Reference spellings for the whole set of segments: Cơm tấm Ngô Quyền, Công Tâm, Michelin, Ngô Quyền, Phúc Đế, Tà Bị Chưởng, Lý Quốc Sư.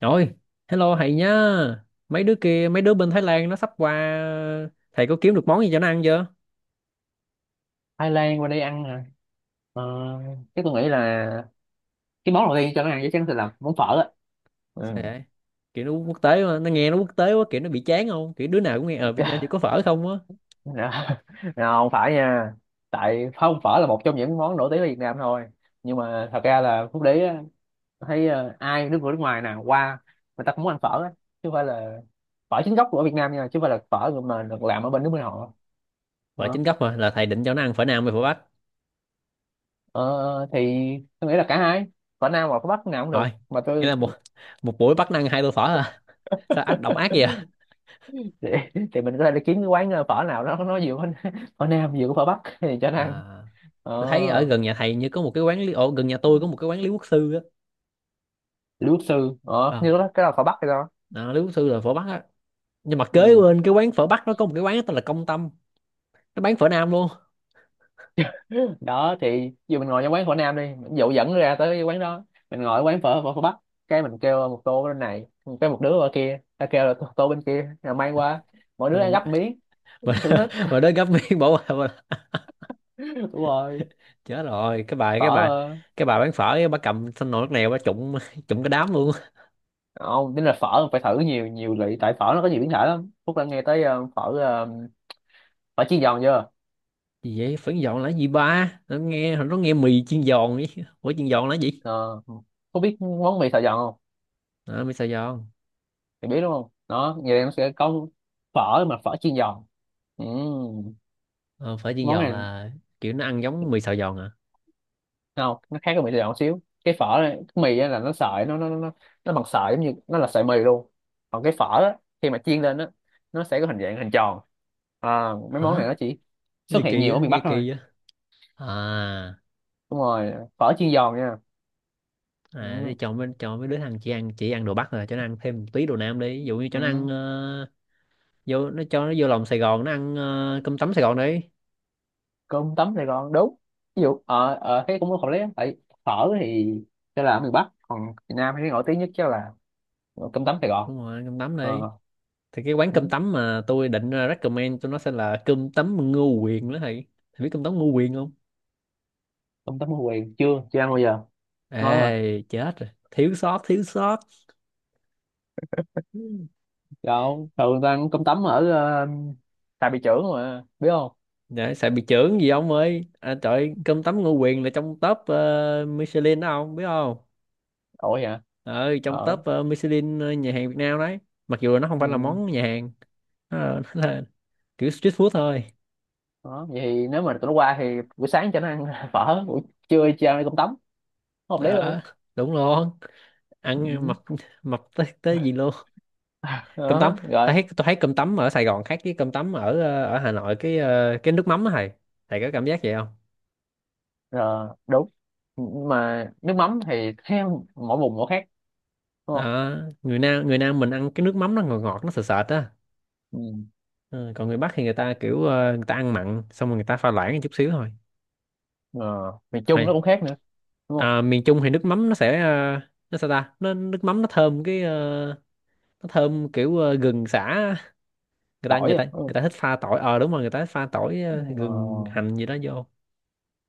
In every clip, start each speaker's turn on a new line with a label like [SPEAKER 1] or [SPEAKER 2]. [SPEAKER 1] Trời, hello thầy nhá. Mấy đứa kia, mấy đứa bên Thái Lan nó sắp qua, thầy có kiếm được món gì cho nó ăn chưa?
[SPEAKER 2] Thái Lan qua đây ăn hả? ờ, Chắc tôi nghĩ là cái món đầu tiên cho nó ăn chắc chắn sẽ là món phở á.
[SPEAKER 1] Sao
[SPEAKER 2] Ừ.
[SPEAKER 1] vậy? Kiểu nó quốc tế mà, nó nghe nó quốc tế quá, kiểu nó bị chán không? Kiểu đứa nào cũng nghe ở Việt Nam chỉ có phở không á.
[SPEAKER 2] Dạ. Nào, không phải nha, tại không phở là một trong những món nổi tiếng ở Việt Nam thôi, nhưng mà thật ra là Phúc Đế á, thấy ai nước người nước ngoài nào qua người ta cũng muốn ăn phở á, chứ không phải là phở chính gốc của Việt Nam nha, chứ không phải là phở mà được làm ở bên nước bên họ.
[SPEAKER 1] Phở
[SPEAKER 2] Đó.
[SPEAKER 1] chính gốc mà, là thầy định cho nó ăn phở Nam hay phở Bắc?
[SPEAKER 2] Ờ, thì tôi nghĩ là cả hai, phở Nam và phở Bắc nào cũng được
[SPEAKER 1] Rồi,
[SPEAKER 2] mà
[SPEAKER 1] nghĩa
[SPEAKER 2] tôi.
[SPEAKER 1] là một một buổi bắt nó ăn hai tô phở à? Sao ác độc ác vậy?
[SPEAKER 2] thì, thì mình có thể đi kiếm cái quán phở nào đó nó vừa có phở nam vừa có phở bắc thì cho nó ăn.
[SPEAKER 1] À, tôi thấy ở
[SPEAKER 2] Ờ,
[SPEAKER 1] gần nhà thầy như có một cái quán lý, ồ, gần nhà tôi có một cái quán Lý Quốc Sư á.
[SPEAKER 2] Lý Quốc Sư ờ như
[SPEAKER 1] Ờ,
[SPEAKER 2] đó cái là phở bắc hay sao?
[SPEAKER 1] Đó, Lý Quốc Sư là phở Bắc á. Nhưng mà kế
[SPEAKER 2] ừ.
[SPEAKER 1] bên cái quán phở Bắc nó có một cái quán tên là Công Tâm, nó bán phở Nam luôn.
[SPEAKER 2] Đó thì dù mình ngồi trong quán phở nam đi, dụ dẫn ra tới cái quán đó, mình ngồi ở quán phở phở, phở bắc, cái mình kêu một tô bên này, cái một đứa ở kia ta kêu là tô tô bên kia rồi mang qua, mỗi đứa
[SPEAKER 1] Ừ,
[SPEAKER 2] ăn
[SPEAKER 1] mà
[SPEAKER 2] gấp miếng, thưởng thức.
[SPEAKER 1] mà đến gấp miếng bỏ qua mà-
[SPEAKER 2] Đúng rồi.
[SPEAKER 1] chết rồi
[SPEAKER 2] phở ờ,
[SPEAKER 1] cái bà bán phở ấy, bà cầm thanh nồi nước nèo bà trụng trụng cái đám luôn.
[SPEAKER 2] Không tính là phở phải thử nhiều nhiều lị, tại phở nó có nhiều biến thể lắm. Phúc đã nghe tới phở chiên giòn chưa?
[SPEAKER 1] Gì vậy phở giòn là gì, ba nó nghe mì chiên giòn ấy. Phở chiên giòn là gì?
[SPEAKER 2] Ờ, có biết món mì Sài Gòn không?
[SPEAKER 1] À, mì xào giòn.
[SPEAKER 2] Thì biết đúng không? Đó, vậy là nó sẽ có phở chiên giòn. Ừ,
[SPEAKER 1] Ờ, Phở chiên
[SPEAKER 2] món
[SPEAKER 1] giòn
[SPEAKER 2] này
[SPEAKER 1] là kiểu nó ăn giống mì xào giòn à?
[SPEAKER 2] không, nó khác với mì Sài Gòn một xíu. Cái phở này, cái mì á là nó nó bằng sợi giống như nó là sợi mì luôn. Còn cái phở á, khi mà chiên lên á, nó sẽ có hình dạng hình tròn. À, mấy món này
[SPEAKER 1] Hả,
[SPEAKER 2] nó chỉ
[SPEAKER 1] cái
[SPEAKER 2] xuất
[SPEAKER 1] gì
[SPEAKER 2] hiện
[SPEAKER 1] kỳ
[SPEAKER 2] nhiều
[SPEAKER 1] á,
[SPEAKER 2] ở miền Bắc
[SPEAKER 1] nghe
[SPEAKER 2] thôi.
[SPEAKER 1] kỳ á. À,
[SPEAKER 2] Đúng rồi, phở chiên giòn nha.
[SPEAKER 1] để
[SPEAKER 2] Ừ,
[SPEAKER 1] cho mấy đứa thằng chỉ ăn đồ Bắc rồi cho nó ăn thêm một tí đồ Nam đi, ví dụ như cho nó ăn,
[SPEAKER 2] ừ.
[SPEAKER 1] vô nó cho nó vô lòng Sài Gòn nó ăn cơm tấm Sài Gòn đi.
[SPEAKER 2] Cơm tấm Sài Gòn đúng. Ví dụ ở ở thế cũng không lấy lắm. Tại phở thì sẽ là ở miền Bắc, còn miền Nam thì nổi tiếng nhất chắc là cơm tấm Sài Gòn.
[SPEAKER 1] Đúng rồi, ăn cơm tấm
[SPEAKER 2] Ờ,
[SPEAKER 1] đi. Thì cái quán
[SPEAKER 2] ừ,
[SPEAKER 1] cơm tấm mà tôi định recommend cho nó sẽ là cơm tấm Ngô Quyền đó thầy. Thầy biết cơm tấm Ngô Quyền không?
[SPEAKER 2] cơm tấm Ngô Quyền chưa chưa ăn bao giờ. Ngon mà.
[SPEAKER 1] Ê chết rồi, thiếu sót thiếu sót.
[SPEAKER 2] Đâu thường ta ăn cơm tấm ở Tà Bị Chưởng mà biết không?
[SPEAKER 1] Dạ, sợ bị chưởng gì ông ơi, à, trời ơi, cơm tấm Ngô Quyền là trong top Michelin đó ông biết không?
[SPEAKER 2] Ủa vậy hả?
[SPEAKER 1] Ừ, trong top
[SPEAKER 2] Ở,
[SPEAKER 1] Michelin nhà hàng Việt Nam đấy. Mặc dù là nó không phải là
[SPEAKER 2] ừ.
[SPEAKER 1] món nhà hàng, nó là, nó là kiểu street food thôi.
[SPEAKER 2] Đó vậy thì nếu mà tụi nó qua thì buổi sáng cho nó ăn phở, buổi trưa cho ăn cơm tấm, hợp lý luôn.
[SPEAKER 1] Đó, đúng luôn. Ăn
[SPEAKER 2] Ừ.
[SPEAKER 1] mập, mập tới tới gì luôn. Cơm tấm,
[SPEAKER 2] Đó rồi,
[SPEAKER 1] tôi thấy cơm tấm ở Sài Gòn khác với cơm tấm ở ở Hà Nội cái cái nước mắm á thầy. Thầy có cảm giác vậy không?
[SPEAKER 2] rồi đúng. Nhưng mà nước mắm thì theo mỗi vùng mỗi khác, đúng.
[SPEAKER 1] Đó, người Nam, người Nam mình ăn cái nước mắm nó ngọt ngọt nó sệt sệt á.
[SPEAKER 2] Ừ.
[SPEAKER 1] Ừ, còn người Bắc thì người ta kiểu ờ, người ta ăn mặn xong rồi người ta pha loãng chút xíu thôi.
[SPEAKER 2] ờ, Miền Trung nó
[SPEAKER 1] Hay.
[SPEAKER 2] cũng khác nữa đúng không?
[SPEAKER 1] À, miền Trung thì nước mắm nó sẽ nó sao ta, nó nước mắm nó thơm cái nó thơm kiểu gừng sả á.
[SPEAKER 2] Tỏi không.
[SPEAKER 1] Người ta
[SPEAKER 2] Ừ.
[SPEAKER 1] thích pha tỏi, đúng rồi, người ta thích pha tỏi gừng
[SPEAKER 2] Ờ,
[SPEAKER 1] hành gì đó vô.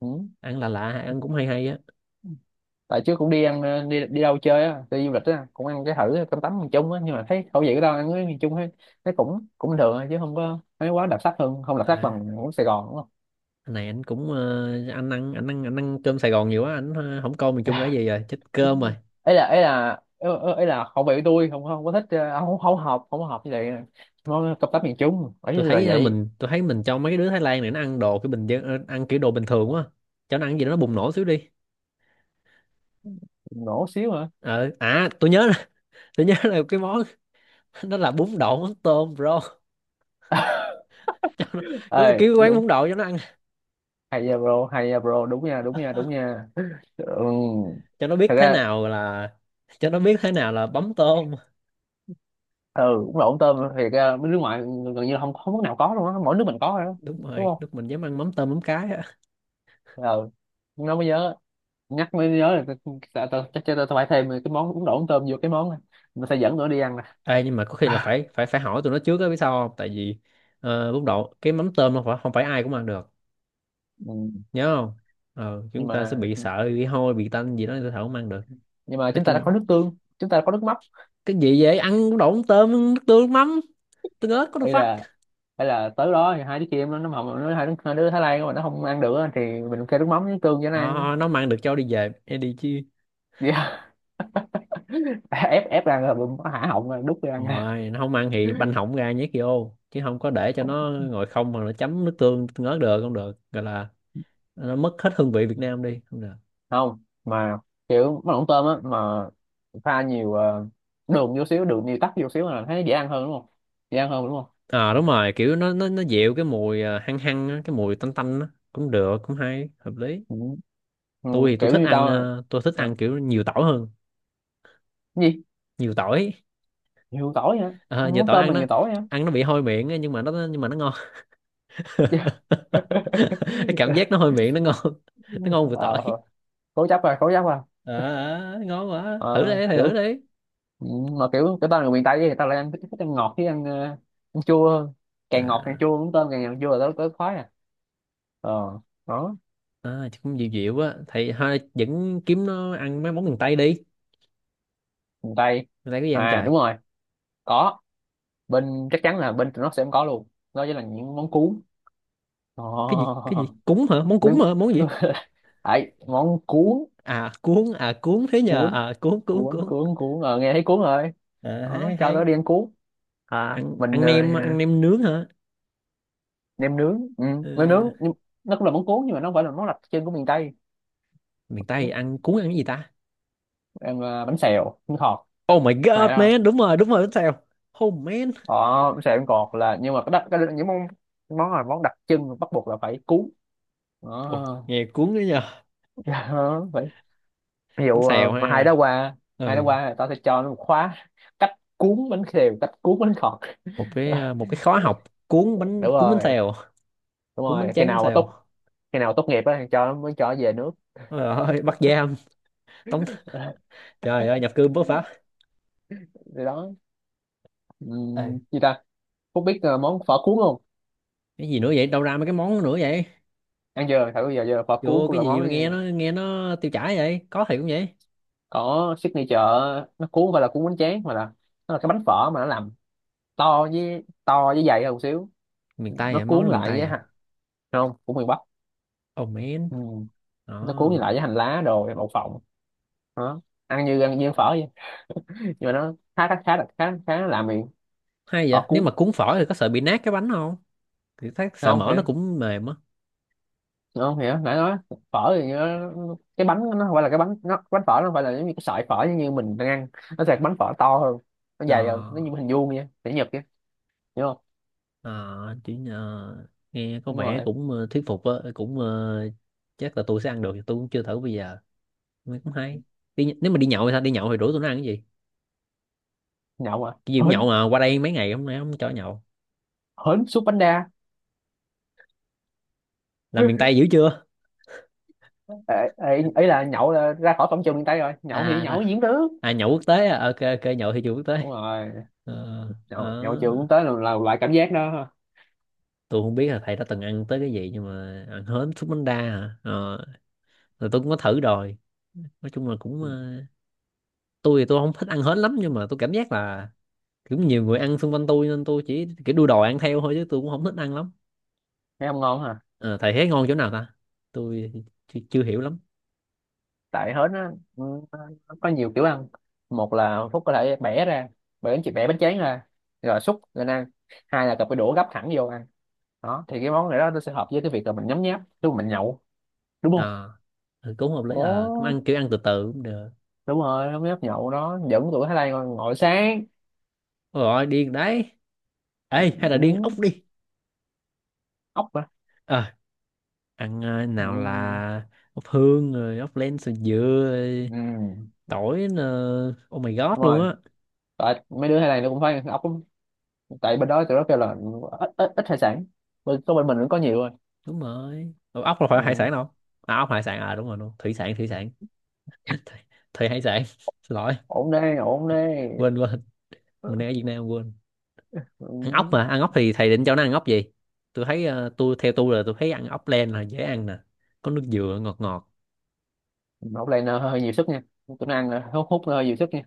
[SPEAKER 2] ừ.
[SPEAKER 1] Ăn là lạ lạ, ăn cũng hay hay á.
[SPEAKER 2] Tại trước cũng đi ăn đi đi đâu chơi á, đi du lịch á, cũng ăn cái thử cơm tấm miền Trung á, nhưng mà thấy khẩu vị của tao ăn với miền Trung ấy, nó cũng cũng được thôi, chứ không có thấy quá đặc sắc, hơn không đặc sắc
[SPEAKER 1] À,
[SPEAKER 2] bằng của Sài Gòn đúng không?
[SPEAKER 1] này anh cũng anh ăn cơm Sài Gòn nhiều quá, anh không coi miền Trung là gì rồi, chết cơm rồi.
[SPEAKER 2] ấy là ấy là Ấy là khẩu vị của tôi, không không có thích không không hợp, không hợp với lại món cơm tấm miền Trung ấy
[SPEAKER 1] Tôi
[SPEAKER 2] là
[SPEAKER 1] thấy
[SPEAKER 2] vậy.
[SPEAKER 1] mình cho mấy cái đứa Thái Lan này nó ăn đồ cái bình dân, ăn kiểu đồ bình thường quá, cho nó ăn gì đó nó bùng nổ xíu đi.
[SPEAKER 2] Nổ xíu hả?
[SPEAKER 1] Tôi nhớ là, tôi nhớ là cái món nó là bún đậu mắm tôm bro. Đúng là
[SPEAKER 2] Ê
[SPEAKER 1] kiểu quán
[SPEAKER 2] đúng.
[SPEAKER 1] bún đậu cho nó ăn,
[SPEAKER 2] Hay nha bro, hay nha bro, đúng nha, đúng nha, đúng nha. Ừ.
[SPEAKER 1] cho nó biết
[SPEAKER 2] Thật
[SPEAKER 1] thế
[SPEAKER 2] ra,
[SPEAKER 1] nào là cho nó biết thế nào là bấm tôm.
[SPEAKER 2] ừ đúng là ống tôm thì bên nước ngoài gần như là không, không nước nào có luôn á, mỗi nước mình có rồi đó.
[SPEAKER 1] Đúng
[SPEAKER 2] Đúng
[SPEAKER 1] rồi,
[SPEAKER 2] không?
[SPEAKER 1] lúc mình dám ăn mắm tôm mắm cái á.
[SPEAKER 2] Ừ. Nó mới nhớ, nhắc mới nhớ là ta tao tao- chắc tao tao phải thêm cái món bún đậu ống tôm vô cái món này. Mình sẽ dẫn nữa đi ăn nè.
[SPEAKER 1] Ê, nhưng mà có khi là phải phải phải hỏi tụi nó trước á, biết sao không, tại vì bún đậu cái mắm tôm không phải ai cũng ăn được.
[SPEAKER 2] Ừ.
[SPEAKER 1] Nhớ không,
[SPEAKER 2] nhưng
[SPEAKER 1] chúng ta sẽ
[SPEAKER 2] mà
[SPEAKER 1] bị sợ bị hôi bị tanh gì đó, người ta thở không ăn được.
[SPEAKER 2] nhưng mà
[SPEAKER 1] Nói
[SPEAKER 2] chúng ta
[SPEAKER 1] chung
[SPEAKER 2] đã
[SPEAKER 1] là,
[SPEAKER 2] có nước tương, chúng ta đã có nước mắm.
[SPEAKER 1] cái gì vậy, ăn cũng độn tôm nước tương nước mắm tương ớt có được
[SPEAKER 2] hay
[SPEAKER 1] phát.
[SPEAKER 2] là hay là tới đó thì hai đứa kia em nó không nó hai đứa Thái Lan mà nó không ăn được á, thì mình kêu nước mắm với nước tương cho nó
[SPEAKER 1] Ờ,
[SPEAKER 2] ăn.
[SPEAKER 1] nó mà ăn được cho đi về hay đi chứ.
[SPEAKER 2] Dạ. ép ép ăn rồi mình hả họng rồi, đút cho ăn.
[SPEAKER 1] Rồi nó không ăn thì banh hỏng ra nhét vô, chứ không có để cho nó ngồi không mà nó chấm nước tương tương ớt được, không được gọi là, nó mất hết hương vị Việt Nam đi, không được.
[SPEAKER 2] Không, mà kiểu món lẩu tôm á mà, pha nhiều đường vô xíu, đường nhiều tắc vô xíu là thấy dễ ăn hơn đúng không? Dễ ăn hơn đúng không?
[SPEAKER 1] À đúng rồi, kiểu nó dịu cái mùi à, hăng hăng á, cái mùi tanh tanh á, cũng được, cũng hay, hợp lý.
[SPEAKER 2] Ừ. Ừ,
[SPEAKER 1] Tôi thì
[SPEAKER 2] kiểu như tao.
[SPEAKER 1] tôi thích
[SPEAKER 2] Sao?
[SPEAKER 1] ăn kiểu nhiều tỏi hơn.
[SPEAKER 2] Cái gì?
[SPEAKER 1] Nhiều tỏi.
[SPEAKER 2] Nhiều tỏi hả?
[SPEAKER 1] Ờ, nhiều
[SPEAKER 2] Món
[SPEAKER 1] tỏi
[SPEAKER 2] tôm
[SPEAKER 1] ăn
[SPEAKER 2] mà
[SPEAKER 1] nó,
[SPEAKER 2] nhiều tỏi hả?
[SPEAKER 1] bị hôi miệng á, nhưng mà nó ngon. Cái cảm giác nó hôi miệng nó ngon, nó ngon vừa tỏi.
[SPEAKER 2] Ờ, cố chấp rồi.
[SPEAKER 1] Ờ, ờ, ngon quá, thử
[SPEAKER 2] Ờ,
[SPEAKER 1] đi thầy, thử
[SPEAKER 2] kiểu
[SPEAKER 1] đi.
[SPEAKER 2] ừ, mà kiểu cái tao là người miền Tây thì tao lại ăn thích, thích ăn ngọt với ăn, ăn chua hơn. Càng ngọt càng
[SPEAKER 1] À,
[SPEAKER 2] chua, món tôm càng ngọt chua là tao tao khoái à. Ờ, đó.
[SPEAKER 1] à chứ cũng dịu dịu á thầy, thôi vẫn kiếm nó ăn mấy món miền Tây đi.
[SPEAKER 2] Miền Tây
[SPEAKER 1] Miền Tây có gì ăn
[SPEAKER 2] à?
[SPEAKER 1] trời.
[SPEAKER 2] Đúng rồi, có, bên chắc chắn là bên tụi nó sẽ không có luôn, đó chính là những món cuốn.
[SPEAKER 1] Cái gì, cái gì
[SPEAKER 2] Oh.
[SPEAKER 1] cuốn hả, món cuốn
[SPEAKER 2] Mấy
[SPEAKER 1] hả, món gì?
[SPEAKER 2] món cuốn
[SPEAKER 1] À cuốn, à cuốn thế nhờ,
[SPEAKER 2] cuốn
[SPEAKER 1] à cuốn cuốn
[SPEAKER 2] cuốn
[SPEAKER 1] cuốn.
[SPEAKER 2] cuốn cuốn nghe thấy cuốn rồi.
[SPEAKER 1] À,
[SPEAKER 2] Đó
[SPEAKER 1] hay
[SPEAKER 2] cho
[SPEAKER 1] hay.
[SPEAKER 2] tao đi ăn cuốn. À
[SPEAKER 1] Ăn
[SPEAKER 2] mình
[SPEAKER 1] ăn nem Ăn nem nướng hả?
[SPEAKER 2] nem nướng. Ừ, nem nướng
[SPEAKER 1] Ừ,
[SPEAKER 2] nhưng nó cũng là món cuốn, nhưng mà nó không phải là món đặc trưng của miền Tây.
[SPEAKER 1] miền Tây
[SPEAKER 2] Ừ,
[SPEAKER 1] ăn cuốn, ăn cái gì ta?
[SPEAKER 2] em bánh xèo bánh khọt
[SPEAKER 1] Oh my god
[SPEAKER 2] này đó.
[SPEAKER 1] man, đúng rồi đúng rồi, bánh xèo. Oh man.
[SPEAKER 2] Ờ, bánh xèo bánh khọt là nhưng mà cái, đặc, cái những món món là món đặc trưng bắt buộc là phải cuốn.
[SPEAKER 1] Ôi,
[SPEAKER 2] Đó.
[SPEAKER 1] nghe cuốn đấy nhờ.
[SPEAKER 2] Ví
[SPEAKER 1] Bánh
[SPEAKER 2] dụ
[SPEAKER 1] xèo
[SPEAKER 2] mà hai
[SPEAKER 1] ha.
[SPEAKER 2] đó qua, hai đó
[SPEAKER 1] Ừ,
[SPEAKER 2] qua là tao sẽ cho nó một khóa cách cuốn bánh khều, cách cuốn bánh khọt. Ờ,
[SPEAKER 1] một cái khóa học
[SPEAKER 2] đúng
[SPEAKER 1] cuốn bánh
[SPEAKER 2] rồi,
[SPEAKER 1] xèo,
[SPEAKER 2] đúng
[SPEAKER 1] cuốn bánh
[SPEAKER 2] rồi.
[SPEAKER 1] tráng bánh xèo.
[SPEAKER 2] Khi nào tốt nghiệp á thì cho nó mới cho nó về nước.
[SPEAKER 1] Ôi trời ơi bắt giam, tống,
[SPEAKER 2] Ờ,
[SPEAKER 1] trời ơi nhập cư bất pháp.
[SPEAKER 2] thì đó.
[SPEAKER 1] Ê,
[SPEAKER 2] Gì ta. Phúc biết món phở cuốn không?
[SPEAKER 1] cái gì nữa vậy, đâu ra mấy cái món nữa vậy,
[SPEAKER 2] Ăn chưa thử bây giờ, giờ phở cuốn
[SPEAKER 1] vô
[SPEAKER 2] cũng
[SPEAKER 1] cái
[SPEAKER 2] là
[SPEAKER 1] gì
[SPEAKER 2] món
[SPEAKER 1] mà nghe nó tiêu chảy vậy, có thiệt cũng vậy?
[SPEAKER 2] có signature. Nó cuốn không phải là cuốn bánh tráng mà là nó là cái bánh phở mà nó làm to với dày hơn một xíu.
[SPEAKER 1] Miền Tây
[SPEAKER 2] Nó
[SPEAKER 1] vậy, món
[SPEAKER 2] cuốn
[SPEAKER 1] đó miền
[SPEAKER 2] lại
[SPEAKER 1] Tây
[SPEAKER 2] với
[SPEAKER 1] à?
[SPEAKER 2] hành không của miền Bắc.
[SPEAKER 1] Oh man.
[SPEAKER 2] Ừm, nó cuốn
[SPEAKER 1] Đó,
[SPEAKER 2] lại với hành lá đồ đậu phộng. Đó, ăn như phở vậy, nhưng mà nó khá khá khá là khá khá làm miệng.
[SPEAKER 1] hay
[SPEAKER 2] Phở
[SPEAKER 1] vậy, nếu
[SPEAKER 2] cuốn,
[SPEAKER 1] mà cuốn phở thì có sợ bị nát cái bánh không, thì thấy sợ
[SPEAKER 2] không thì
[SPEAKER 1] mỡ nó cũng mềm á.
[SPEAKER 2] không hiểu nãy nói. Phở thì nó, cái bánh nó không phải là cái bánh nó bánh phở nó không phải là giống như cái sợi phở như mình đang ăn. Nó sẽ bánh phở to hơn, nó
[SPEAKER 1] Ờ.
[SPEAKER 2] dày hơn, nó như hình vuông vậy để nhật vậy, hiểu không?
[SPEAKER 1] Ờ, chỉ nghe có
[SPEAKER 2] Đúng
[SPEAKER 1] vẻ
[SPEAKER 2] rồi.
[SPEAKER 1] cũng thuyết phục á, cũng chắc là tôi sẽ ăn được, tôi cũng chưa thử bây giờ. Nghe cũng hay. Đi, nếu mà đi nhậu thì sao, đi nhậu thì rủ tôi nó ăn cái gì,
[SPEAKER 2] Nhậu à?
[SPEAKER 1] cái gì cũng nhậu
[SPEAKER 2] Hến,
[SPEAKER 1] mà qua đây mấy ngày hôm nay không cho nhậu.
[SPEAKER 2] hến súp bánh đa.
[SPEAKER 1] Làm miền Tây dữ chưa.
[SPEAKER 2] Ê, ê, ý là nhậu là ra khỏi cổng trường miền Tây rồi, nhậu thì
[SPEAKER 1] À
[SPEAKER 2] nhậu diễn tướng.
[SPEAKER 1] à nhậu quốc tế à, ok ok, nhậu thì chưa quốc tế.
[SPEAKER 2] Đúng rồi.
[SPEAKER 1] Ờ,
[SPEAKER 2] Nhậu trường
[SPEAKER 1] ờ,
[SPEAKER 2] cũng tới là loại cảm giác đó ha.
[SPEAKER 1] tôi không biết là thầy đã từng ăn tới cái gì nhưng mà ăn hến súp bánh đa hả? Ờ, rồi tôi cũng có thử rồi, nói chung là cũng tôi thì tôi không thích ăn hến lắm, nhưng mà tôi cảm giác là kiểu nhiều người ăn xung quanh tôi nên tôi chỉ kiểu đu đòi ăn theo thôi, chứ tôi cũng không thích ăn lắm.
[SPEAKER 2] Thấy không ngon hả?
[SPEAKER 1] Ờ, thầy thấy ngon chỗ nào ta, tôi chưa, chưa hiểu lắm.
[SPEAKER 2] Tại hến á ừ, nó có nhiều kiểu ăn. Một là Phúc có thể bẻ ra, bẻ bánh tráng ra rồi xúc lên ăn. Hai là cầm cái đũa gắp thẳng vô ăn. Đó thì cái món này đó nó sẽ hợp với cái việc là mình nhấm nháp lúc mình nhậu, đúng không?
[SPEAKER 1] À, ừ, cũng hợp lý, à cũng
[SPEAKER 2] Ồ,
[SPEAKER 1] ăn kiểu ăn từ từ cũng được.
[SPEAKER 2] đúng rồi, nhấm nháp nhậu đó, dẫn tụi Thái Lan ngồi sáng.
[SPEAKER 1] Ôi rồi điên đấy. Ê, hay là điên ốc
[SPEAKER 2] Ừ,
[SPEAKER 1] đi.
[SPEAKER 2] ốc hả?
[SPEAKER 1] Ờ, ăn nào
[SPEAKER 2] Ừ,
[SPEAKER 1] là ốc hương rồi ốc len sườn dừa, rồi
[SPEAKER 2] ừ,
[SPEAKER 1] tỏi nè. Oh my god
[SPEAKER 2] đúng
[SPEAKER 1] luôn
[SPEAKER 2] rồi.
[SPEAKER 1] á.
[SPEAKER 2] Tại mấy đứa Thái Lan nó cũng phải ăn ốc lắm. Tại bên đó tụi nó kêu là ít ít, ít hải sản, bên có bên mình cũng có nhiều rồi.
[SPEAKER 1] Đúng rồi. Ủa, ốc là phải hải
[SPEAKER 2] Ừ.
[SPEAKER 1] sản đâu. À ốc hải sản à, đúng rồi, đúng, thủy sản thủy sản. thủy, Thủy hải sản. Xin lỗi,
[SPEAKER 2] Ổn đây, ổn đây.
[SPEAKER 1] quên quên, mình đang ở Việt Nam quên.
[SPEAKER 2] Ừ.
[SPEAKER 1] Ăn ốc, mà ăn ốc thì thầy định cho nó ăn ốc gì? Tôi thấy tôi theo tôi là tôi thấy ăn ốc len là dễ ăn nè, có nước dừa ngọt ngọt.
[SPEAKER 2] Hút lên hơi nhiều sức nha. Tôi ăn là hút hút hơi nhiều sức nha.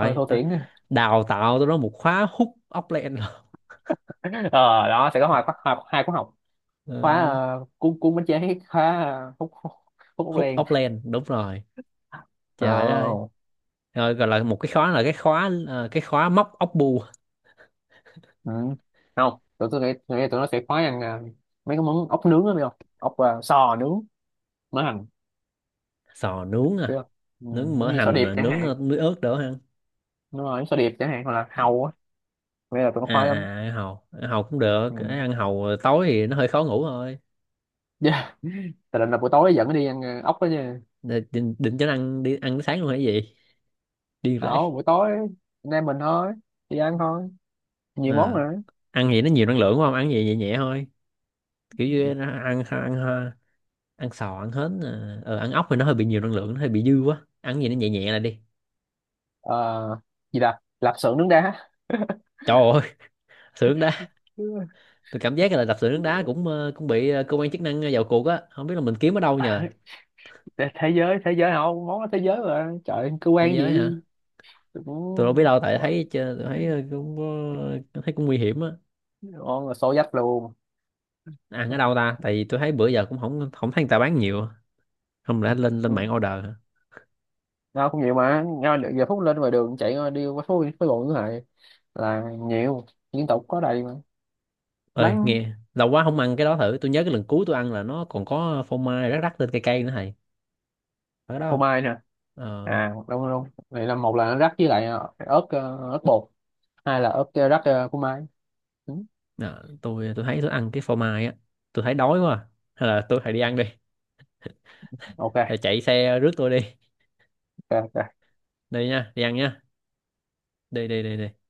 [SPEAKER 2] Hơi thô thiển.
[SPEAKER 1] đào tạo tôi đó một khóa hút ốc len.
[SPEAKER 2] Ờ đó sẽ có hai khóa, hai khóa học. Khóa
[SPEAKER 1] Ờ,
[SPEAKER 2] cuốn cuốn bánh chế, khóa ờ, hút hút hút hút
[SPEAKER 1] hút
[SPEAKER 2] len.
[SPEAKER 1] ốc len đúng rồi, trời đất ơi.
[SPEAKER 2] Ờ,
[SPEAKER 1] Rồi gọi là một cái khóa là cái khóa cái khóa móc ốc bu.
[SPEAKER 2] ừ. Không tụi tôi nghĩ, tôi nghĩ tụi nó sẽ khóa ăn mấy cái món ốc nướng đó biết không? Ốc sò nướng mỡ hành,
[SPEAKER 1] Sò nướng
[SPEAKER 2] biết
[SPEAKER 1] à,
[SPEAKER 2] không? Ừ,
[SPEAKER 1] nướng
[SPEAKER 2] giống
[SPEAKER 1] mỡ
[SPEAKER 2] như sò
[SPEAKER 1] hành
[SPEAKER 2] điệp
[SPEAKER 1] à,
[SPEAKER 2] chẳng
[SPEAKER 1] nướng
[SPEAKER 2] hạn.
[SPEAKER 1] muối ớt đỡ ăn.
[SPEAKER 2] Đúng rồi sò điệp chẳng hạn, hoặc là hàu á, bây giờ tụi nó khoái lắm.
[SPEAKER 1] Ăn hàu cũng được. Cái
[SPEAKER 2] Ừ.
[SPEAKER 1] ăn hàu tối thì nó hơi khó ngủ thôi.
[SPEAKER 2] Yeah. Tại định là buổi tối dẫn nó đi ăn ốc đó nha.
[SPEAKER 1] Định cho nó ăn đi ăn sáng luôn hay gì, điên rể.
[SPEAKER 2] Đó buổi tối anh em mình thôi, đi ăn thôi, nhiều món
[SPEAKER 1] À.
[SPEAKER 2] nữa.
[SPEAKER 1] Ăn gì nó nhiều năng lượng quá, không ăn gì nhẹ nhẹ thôi, kiểu như nó ăn ăn ăn, sò ăn hến à. Ờ, Ăn ốc thì nó hơi bị nhiều năng lượng, nó hơi bị dư quá, ăn gì nó nhẹ nhẹ là đi.
[SPEAKER 2] ờ, Gì là lạp xưởng nướng đá.
[SPEAKER 1] Trời ơi. Sữa nước đá. Tôi cảm giác là đập sữa nước đá cũng cũng bị cơ quan chức năng vào cuộc á, không biết là mình kiếm ở đâu nhờ.
[SPEAKER 2] thế Thế giới, thế giới không món đó, thế giới mà trời cơ
[SPEAKER 1] Thế
[SPEAKER 2] quan
[SPEAKER 1] giới hả?
[SPEAKER 2] gì
[SPEAKER 1] Tôi đâu biết
[SPEAKER 2] cũng.
[SPEAKER 1] đâu, tại thấy tôi thấy cũng thấy cũng nguy hiểm á.
[SPEAKER 2] Ngon là xô dách luôn.
[SPEAKER 1] Ăn ở đâu ta, tại vì tôi thấy bữa giờ cũng không không thấy người ta bán nhiều. Không lẽ lên lên
[SPEAKER 2] Ừ,
[SPEAKER 1] mạng order hả?
[SPEAKER 2] ngon cũng nhiều mà, ngon được giờ phút lên ngoài đường chạy ngon đi qua phố phố bộ như vậy là nhiều, liên tục có đầy mà.
[SPEAKER 1] Ơi
[SPEAKER 2] Bán
[SPEAKER 1] nghe lâu quá không ăn cái đó thử, tôi nhớ cái lần cuối tôi ăn là nó còn có phô mai rắc rắc lên cây cây nữa thầy. Ở
[SPEAKER 2] phô
[SPEAKER 1] đâu?
[SPEAKER 2] mai nè.
[SPEAKER 1] ờ
[SPEAKER 2] À đúng đúng, vậy là một là rắc với lại ớt bột, hai là ớt rắc phô mai. Ừ,
[SPEAKER 1] Đó, tôi thấy tôi ăn cái phô mai á, tôi thấy đói quá à. Hay là tôi phải đi ăn đi,
[SPEAKER 2] ok,
[SPEAKER 1] hay chạy xe rước tôi đi,
[SPEAKER 2] ok, ok.
[SPEAKER 1] đi nha, đi ăn nha, đi đi đi đi.